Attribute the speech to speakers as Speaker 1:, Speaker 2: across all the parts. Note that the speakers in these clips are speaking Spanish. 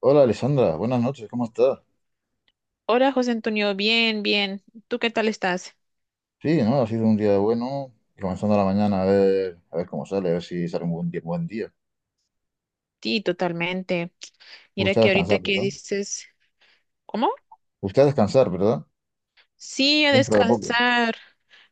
Speaker 1: Hola Alessandra, buenas noches, ¿cómo estás?
Speaker 2: Hola, José Antonio, bien, bien. ¿Tú qué tal estás?
Speaker 1: Sí, ¿no? Ha sido un día bueno, y comenzando la mañana a ver cómo sale, a ver si sale un buen día, buen día.
Speaker 2: Sí, totalmente. Mira
Speaker 1: Busca
Speaker 2: que ahorita
Speaker 1: descansar,
Speaker 2: que
Speaker 1: ¿verdad?
Speaker 2: dices, ¿cómo?
Speaker 1: Usted a descansar, ¿verdad?
Speaker 2: Sí, a
Speaker 1: Dentro de poco.
Speaker 2: descansar.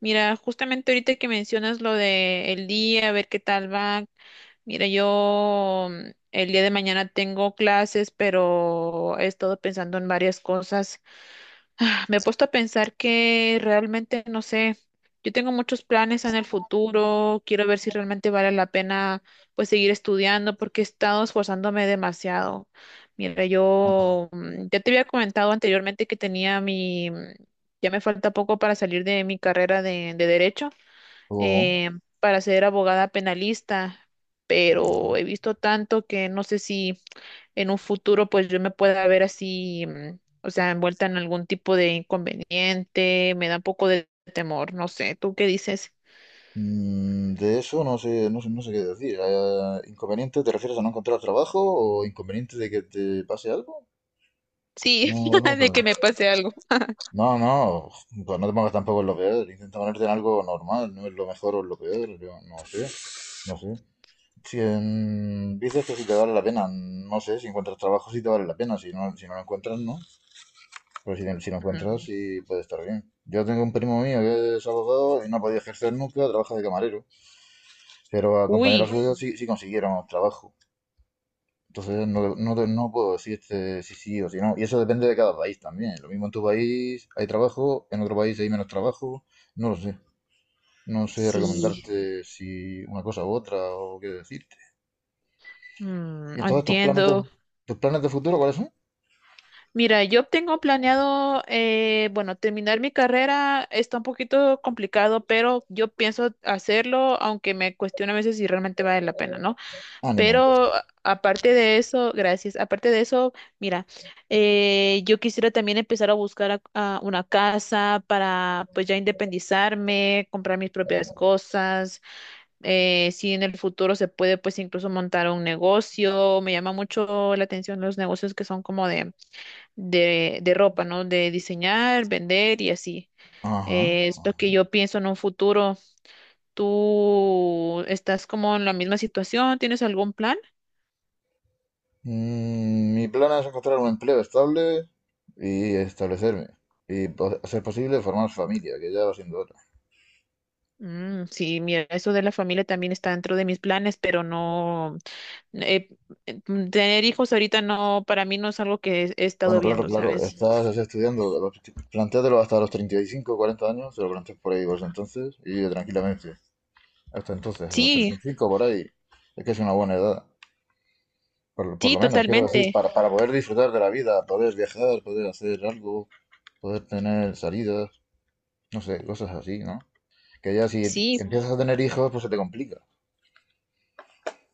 Speaker 2: Mira, justamente ahorita que mencionas lo de el día, a ver qué tal va. Mira, yo el día de mañana tengo clases, pero he estado pensando en varias cosas. Ah, me he puesto a pensar que realmente, no sé, yo tengo muchos planes en el futuro, quiero ver si realmente vale la pena pues seguir estudiando porque he estado esforzándome demasiado. Mira, yo ya te había comentado anteriormente que tenía mi, ya me falta poco para salir de mi carrera de derecho,
Speaker 1: Oh.
Speaker 2: eh, para ser abogada penalista, pero he visto tanto que no sé si en un futuro pues yo me pueda ver así, o sea, envuelta en algún tipo de inconveniente, me da un poco de temor, no sé, ¿tú qué dices?
Speaker 1: Mm, de eso no sé, no sé, no sé qué decir. ¿Inconveniente te refieres a no encontrar trabajo o inconveniente de que te pase algo?
Speaker 2: Sí,
Speaker 1: No, no, me
Speaker 2: de que me pase algo.
Speaker 1: no, no, pues no te pongas tampoco en lo peor. Intenta ponerte en algo normal, no es lo mejor o lo peor, yo no sé, no sé. Si dices que si te vale la pena, no sé, si encuentras trabajo si te vale la pena, si no lo encuentras, no. Pero si lo
Speaker 2: Mm,
Speaker 1: encuentras, sí puede estar bien. Yo tengo un primo mío que es abogado y no ha podido ejercer nunca, trabaja de camarero, pero a compañeros,
Speaker 2: uy,
Speaker 1: bueno, suyos sí, sí consiguieron trabajo. Entonces no, no, no puedo decirte si sí o si no. Y eso depende de cada país también. Lo mismo en tu país hay trabajo, en otro país hay menos trabajo, no lo sé. No sé sí
Speaker 2: sí,
Speaker 1: recomendarte si una cosa u otra o qué decirte. ¿Y entonces tus Bueno, planes
Speaker 2: entiendo.
Speaker 1: de, tus planes de futuro cuáles son?
Speaker 2: Mira, yo tengo planeado, bueno, terminar mi carrera está un poquito complicado, pero yo pienso hacerlo, aunque me cuestiono a veces si realmente vale la pena, ¿no?
Speaker 1: Ánimo.
Speaker 2: Pero aparte de eso, gracias. Aparte de eso, mira, yo quisiera también empezar a buscar a una casa para pues ya independizarme, comprar mis propias cosas. Eh, si en el futuro se puede, pues incluso montar un negocio. Me llama mucho la atención los negocios que son como de ropa, ¿no? De diseñar, vender y así.
Speaker 1: Ajá.
Speaker 2: Es lo que yo pienso en un futuro. ¿Tú estás como en la misma situación? ¿Tienes algún plan?
Speaker 1: Mi plan es encontrar un empleo estable y establecerme. Y a ser posible formar familia, que ya va siendo hora.
Speaker 2: Mm, sí, mira, eso de la familia también está dentro de mis planes, pero no, eh, tener hijos ahorita no, para mí no es algo que he estado
Speaker 1: Bueno, claro,
Speaker 2: viendo,
Speaker 1: claro.
Speaker 2: ¿sabes?
Speaker 1: Estás así estudiando. Plantéatelo hasta los 35 o 40 años. Te lo planteas por ahí, pues entonces. Y tranquilamente. Hasta entonces, hasta los treinta
Speaker 2: Sí,
Speaker 1: y cinco por ahí. Es que es una buena edad. Por
Speaker 2: sí,
Speaker 1: lo menos, quiero decir,
Speaker 2: totalmente.
Speaker 1: para poder disfrutar de la vida, poder viajar, poder hacer algo, poder tener salidas, no sé, cosas así, ¿no? Que ya si
Speaker 2: Sí,
Speaker 1: empiezas a tener hijos, pues se te complica.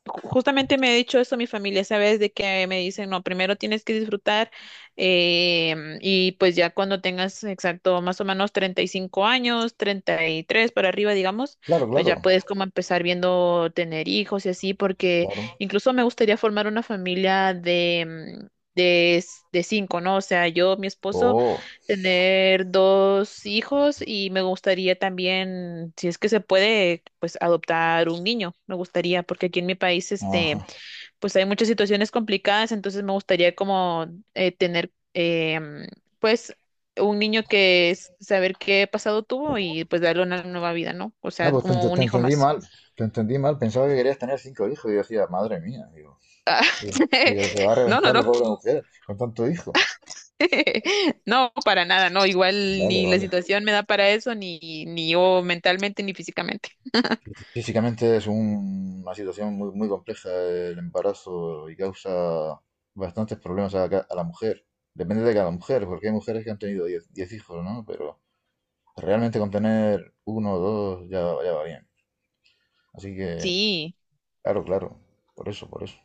Speaker 2: justamente me ha dicho eso mi familia, ¿sabes? De que me dicen, no, primero tienes que disfrutar, y pues ya cuando tengas exacto más o menos 35 años, 33 para arriba, digamos,
Speaker 1: Claro,
Speaker 2: pues ya
Speaker 1: claro,
Speaker 2: puedes como empezar viendo tener hijos y así, porque
Speaker 1: claro.
Speaker 2: incluso me gustaría formar una familia de, de cinco, ¿no? O sea, yo, mi esposo
Speaker 1: Oh,
Speaker 2: tener dos hijos y me gustaría también, si es que se puede, pues adoptar un niño. Me gustaría, porque aquí en mi país, este,
Speaker 1: ajá.
Speaker 2: pues hay muchas situaciones complicadas, entonces me gustaría como tener, em, pues, un niño que saber qué pasado tuvo y pues darle una nueva vida, ¿no? O
Speaker 1: Ah,
Speaker 2: sea,
Speaker 1: pues te,
Speaker 2: como
Speaker 1: ent-
Speaker 2: un
Speaker 1: te
Speaker 2: hijo
Speaker 1: entendí
Speaker 2: más.
Speaker 1: mal. Te entendí mal. Pensaba que querías tener cinco hijos. Y yo decía, madre mía. Digo, digo, se va a
Speaker 2: No, no,
Speaker 1: reventar la
Speaker 2: no.
Speaker 1: pobre mujer con tanto hijo.
Speaker 2: No, para nada, no. Igual
Speaker 1: Vale,
Speaker 2: ni la
Speaker 1: vale.
Speaker 2: situación me da para eso, ni yo mentalmente ni físicamente.
Speaker 1: Físicamente es una situación muy, muy compleja el embarazo y causa bastantes problemas a la mujer. Depende de cada mujer, porque hay mujeres que han tenido 10 10 hijos, ¿no? Pero realmente con tener uno o dos ya, ya va bien. Así que
Speaker 2: Sí.
Speaker 1: claro, claro, por eso, por eso.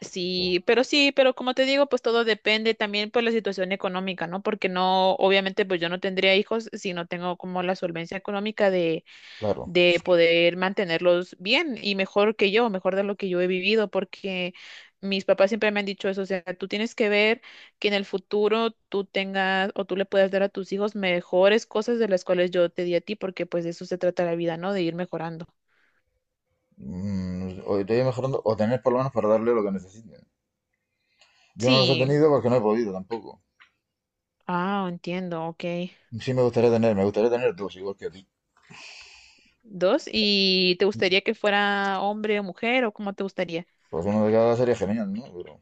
Speaker 2: Sí, pero como te digo, pues todo depende también por la situación económica, ¿no? Porque no, obviamente, pues yo no tendría hijos si no tengo como la solvencia económica
Speaker 1: Claro.
Speaker 2: de poder mantenerlos bien y mejor que yo, mejor de lo que yo he vivido, porque mis papás siempre me han dicho eso, o sea, tú tienes que ver que en el futuro tú tengas o tú le puedas dar a tus hijos mejores cosas de las cuales yo te di a ti, porque pues de eso se trata la vida, ¿no? De ir mejorando.
Speaker 1: O te voy mejorando, o tener por lo menos para darle lo que necesiten. Yo no los he
Speaker 2: Sí.
Speaker 1: tenido porque no he podido tampoco.
Speaker 2: Ah, entiendo, ok.
Speaker 1: Sí me gustaría tener dos, igual que a ti.
Speaker 2: Dos. ¿Y te gustaría que fuera hombre o mujer o cómo te gustaría?
Speaker 1: Pues uno de cada sería genial, ¿no? Pero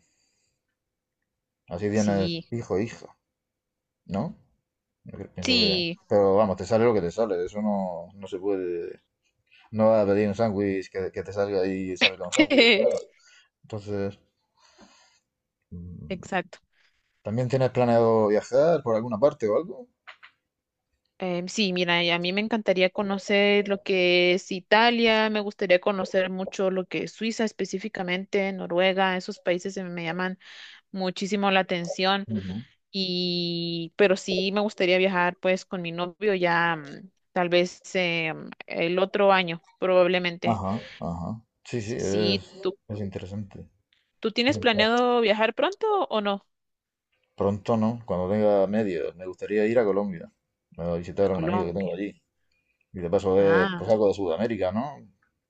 Speaker 1: así tienes
Speaker 2: Sí,
Speaker 1: hijo e hija, ¿no? Yo pienso que...
Speaker 2: sí,
Speaker 1: Pero vamos, te sale lo que te sale, eso no, no se puede... No vas a pedir un sándwich que te salga y salga un sándwich, claro. Entonces, mm,
Speaker 2: exacto.
Speaker 1: ¿también tienes planeado viajar por alguna parte o algo?
Speaker 2: Em, sí, mira, y a mí me encantaría conocer lo que es Italia, me gustaría conocer mucho lo que es Suiza específicamente, Noruega, esos países se me llaman muchísimo la atención. Y, pero sí me gustaría viajar pues con mi novio ya tal vez el otro año probablemente.
Speaker 1: Ajá, ajá. Sí, sí,
Speaker 2: Sí,
Speaker 1: es interesante.
Speaker 2: ¿tú
Speaker 1: Es
Speaker 2: tienes
Speaker 1: interesante.
Speaker 2: planeado viajar pronto o no?
Speaker 1: Pronto, ¿no? Cuando tenga medio, me gustaría ir a Colombia a
Speaker 2: A
Speaker 1: visitar a un amigo que
Speaker 2: Colombia.
Speaker 1: tengo allí. Y de paso ver
Speaker 2: Ah,
Speaker 1: pues, algo de Sudamérica, ¿no?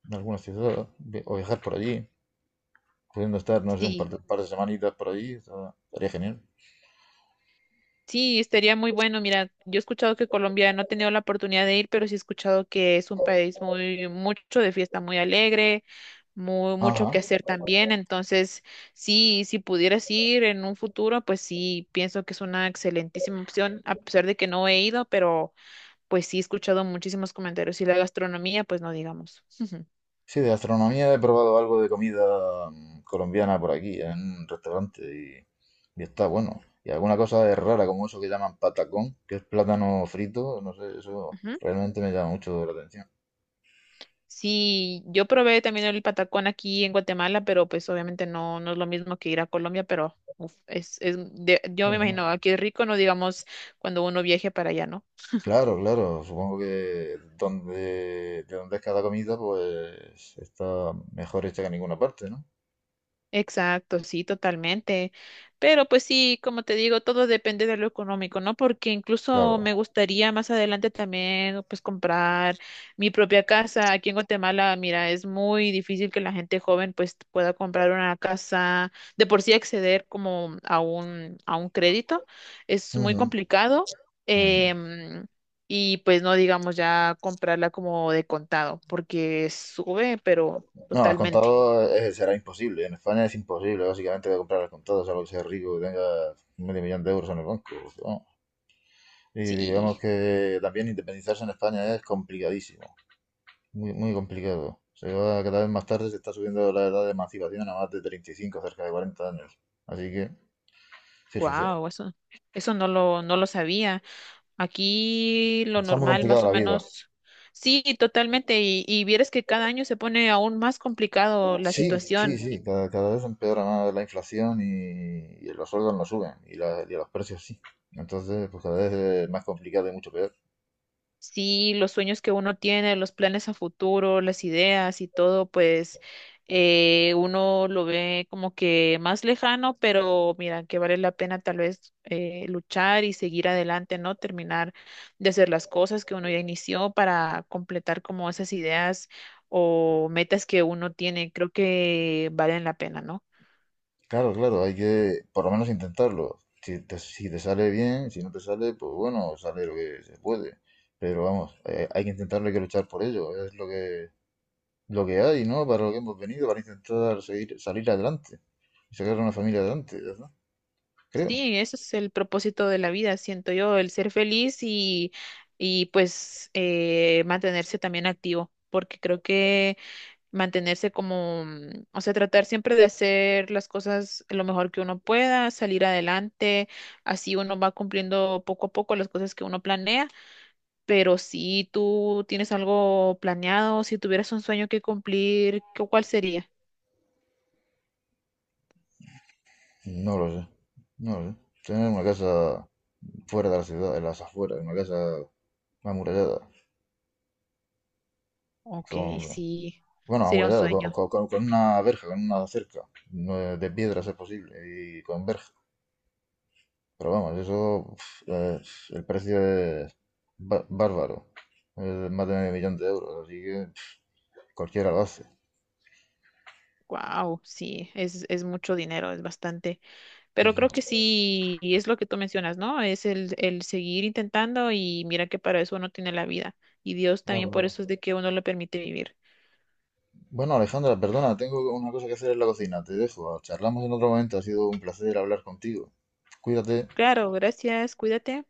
Speaker 1: En algunas ciudades o viajar por allí. Pudiendo estar, no sé, un par
Speaker 2: sí.
Speaker 1: de, par de semanitas por allí, estaría genial.
Speaker 2: Sí, estaría muy bueno. Mira, yo he escuchado que Colombia no he tenido la oportunidad de ir, pero sí he escuchado que es un país muy, mucho de fiesta, muy alegre, muy, mucho que
Speaker 1: Ajá,
Speaker 2: hacer también. Entonces, sí, si pudieras ir en un futuro, pues sí, pienso que es una excelentísima opción, a pesar de que no he ido, pero pues sí he escuchado muchísimos comentarios y la gastronomía, pues no digamos.
Speaker 1: sí, de gastronomía he probado algo de comida colombiana por aquí, en un restaurante, y está bueno. Y alguna cosa es rara, como eso que llaman patacón, que es plátano frito, no sé, eso
Speaker 2: Ujú.
Speaker 1: realmente me llama mucho la atención.
Speaker 2: Sí, yo probé también el patacón aquí en Guatemala, pero pues obviamente no, no es lo mismo que ir a Colombia, pero uf, es yo me
Speaker 1: Ujú.
Speaker 2: imagino, aquí es rico, no digamos cuando uno viaje para allá, ¿no?
Speaker 1: Claro, claro, supongo que de donde es cada comida, pues está mejor hecha que en ninguna parte, ¿no?
Speaker 2: Exacto, sí, totalmente. Pero pues sí, como te digo, todo depende de lo económico, ¿no? Porque incluso
Speaker 1: Claro.
Speaker 2: me gustaría más adelante también, pues, comprar mi propia casa. Aquí en Guatemala, mira, es muy difícil que la gente joven, pues, pueda comprar una casa, de por sí acceder como a a un crédito. Es muy
Speaker 1: Ujú,
Speaker 2: complicado.
Speaker 1: ujú.
Speaker 2: em, y pues no digamos ya comprarla como de contado, porque sube, pero
Speaker 1: No, al
Speaker 2: totalmente.
Speaker 1: contado será imposible. En España es imposible, básicamente, de comprar al contado, salvo que seas rico y tengas medio millón de euros en el banco, ¿no? Y
Speaker 2: Sí.
Speaker 1: digamos que también independizarse en España es complicadísimo, muy, muy complicado. Se va cada vez más tarde, se está subiendo la edad de emancipación a más de 35, cerca de 40 años. Así que, fíjese,
Speaker 2: Wow, eso no lo sabía. Aquí lo
Speaker 1: está muy
Speaker 2: normal,
Speaker 1: complicada
Speaker 2: más o
Speaker 1: la vida.
Speaker 2: menos, sí, totalmente. Y vieras que cada año se pone aún más complicado la
Speaker 1: Sí, sí,
Speaker 2: situación.
Speaker 1: sí, cada vez empeora más la inflación y los sueldos no suben, y, y los precios sí. Entonces, pues cada vez es más complicado y mucho peor.
Speaker 2: Sí, los sueños que uno tiene, los planes a futuro, las ideas y todo, pues uno lo ve como que más lejano, pero mira, que vale la pena tal vez luchar y seguir adelante, ¿no? Terminar de hacer las cosas que uno ya inició para completar como esas ideas o metas que uno tiene, creo que valen la pena, ¿no?
Speaker 1: Claro, claro, hay que por lo menos intentarlo. Si te, si te sale bien, si no te sale, pues bueno, sale lo que se puede. Pero vamos, hay que intentarlo, hay que luchar por ello. Es lo que hay, ¿no? Para lo que hemos venido, para intentar seguir, salir adelante y sacar a una familia adelante, ¿verdad? Creo.
Speaker 2: Sí, ese es el propósito de la vida, siento yo, el ser feliz y pues, mantenerse también activo, porque creo que mantenerse como, o sea, tratar siempre de hacer las cosas lo mejor que uno pueda, salir adelante, así uno va cumpliendo poco a poco las cosas que uno planea, pero si tú tienes algo planeado, si tuvieras un sueño que cumplir, ¿cuál sería?
Speaker 1: No lo sé, no lo sé. Tener una casa fuera de la ciudad, en las afueras, una casa amurallada.
Speaker 2: Ok,
Speaker 1: Con,
Speaker 2: sí,
Speaker 1: bueno,
Speaker 2: sería un
Speaker 1: amurallada, con,
Speaker 2: sueño.
Speaker 1: con- con- con una verja, con una cerca, no, de piedras es posible, y con verja. Pero vamos, eso pf, el precio es bárbaro. Es más de medio millón de euros, así que pf, cualquiera lo hace.
Speaker 2: Wow, sí, es mucho dinero, es bastante.
Speaker 1: Sí,
Speaker 2: Pero
Speaker 1: sí,
Speaker 2: creo que sí, y es lo que tú mencionas, ¿no? Es el seguir intentando y mira que para eso uno tiene la vida. Y Dios
Speaker 1: claro,
Speaker 2: también por eso es
Speaker 1: claro.
Speaker 2: de que uno le permite vivir.
Speaker 1: Bueno, Alejandra, perdona, tengo una cosa que hacer en la cocina. Te dejo. Charlamos en otro momento. Ha sido un placer hablar contigo. Cuídate.
Speaker 2: Claro, gracias, cuídate.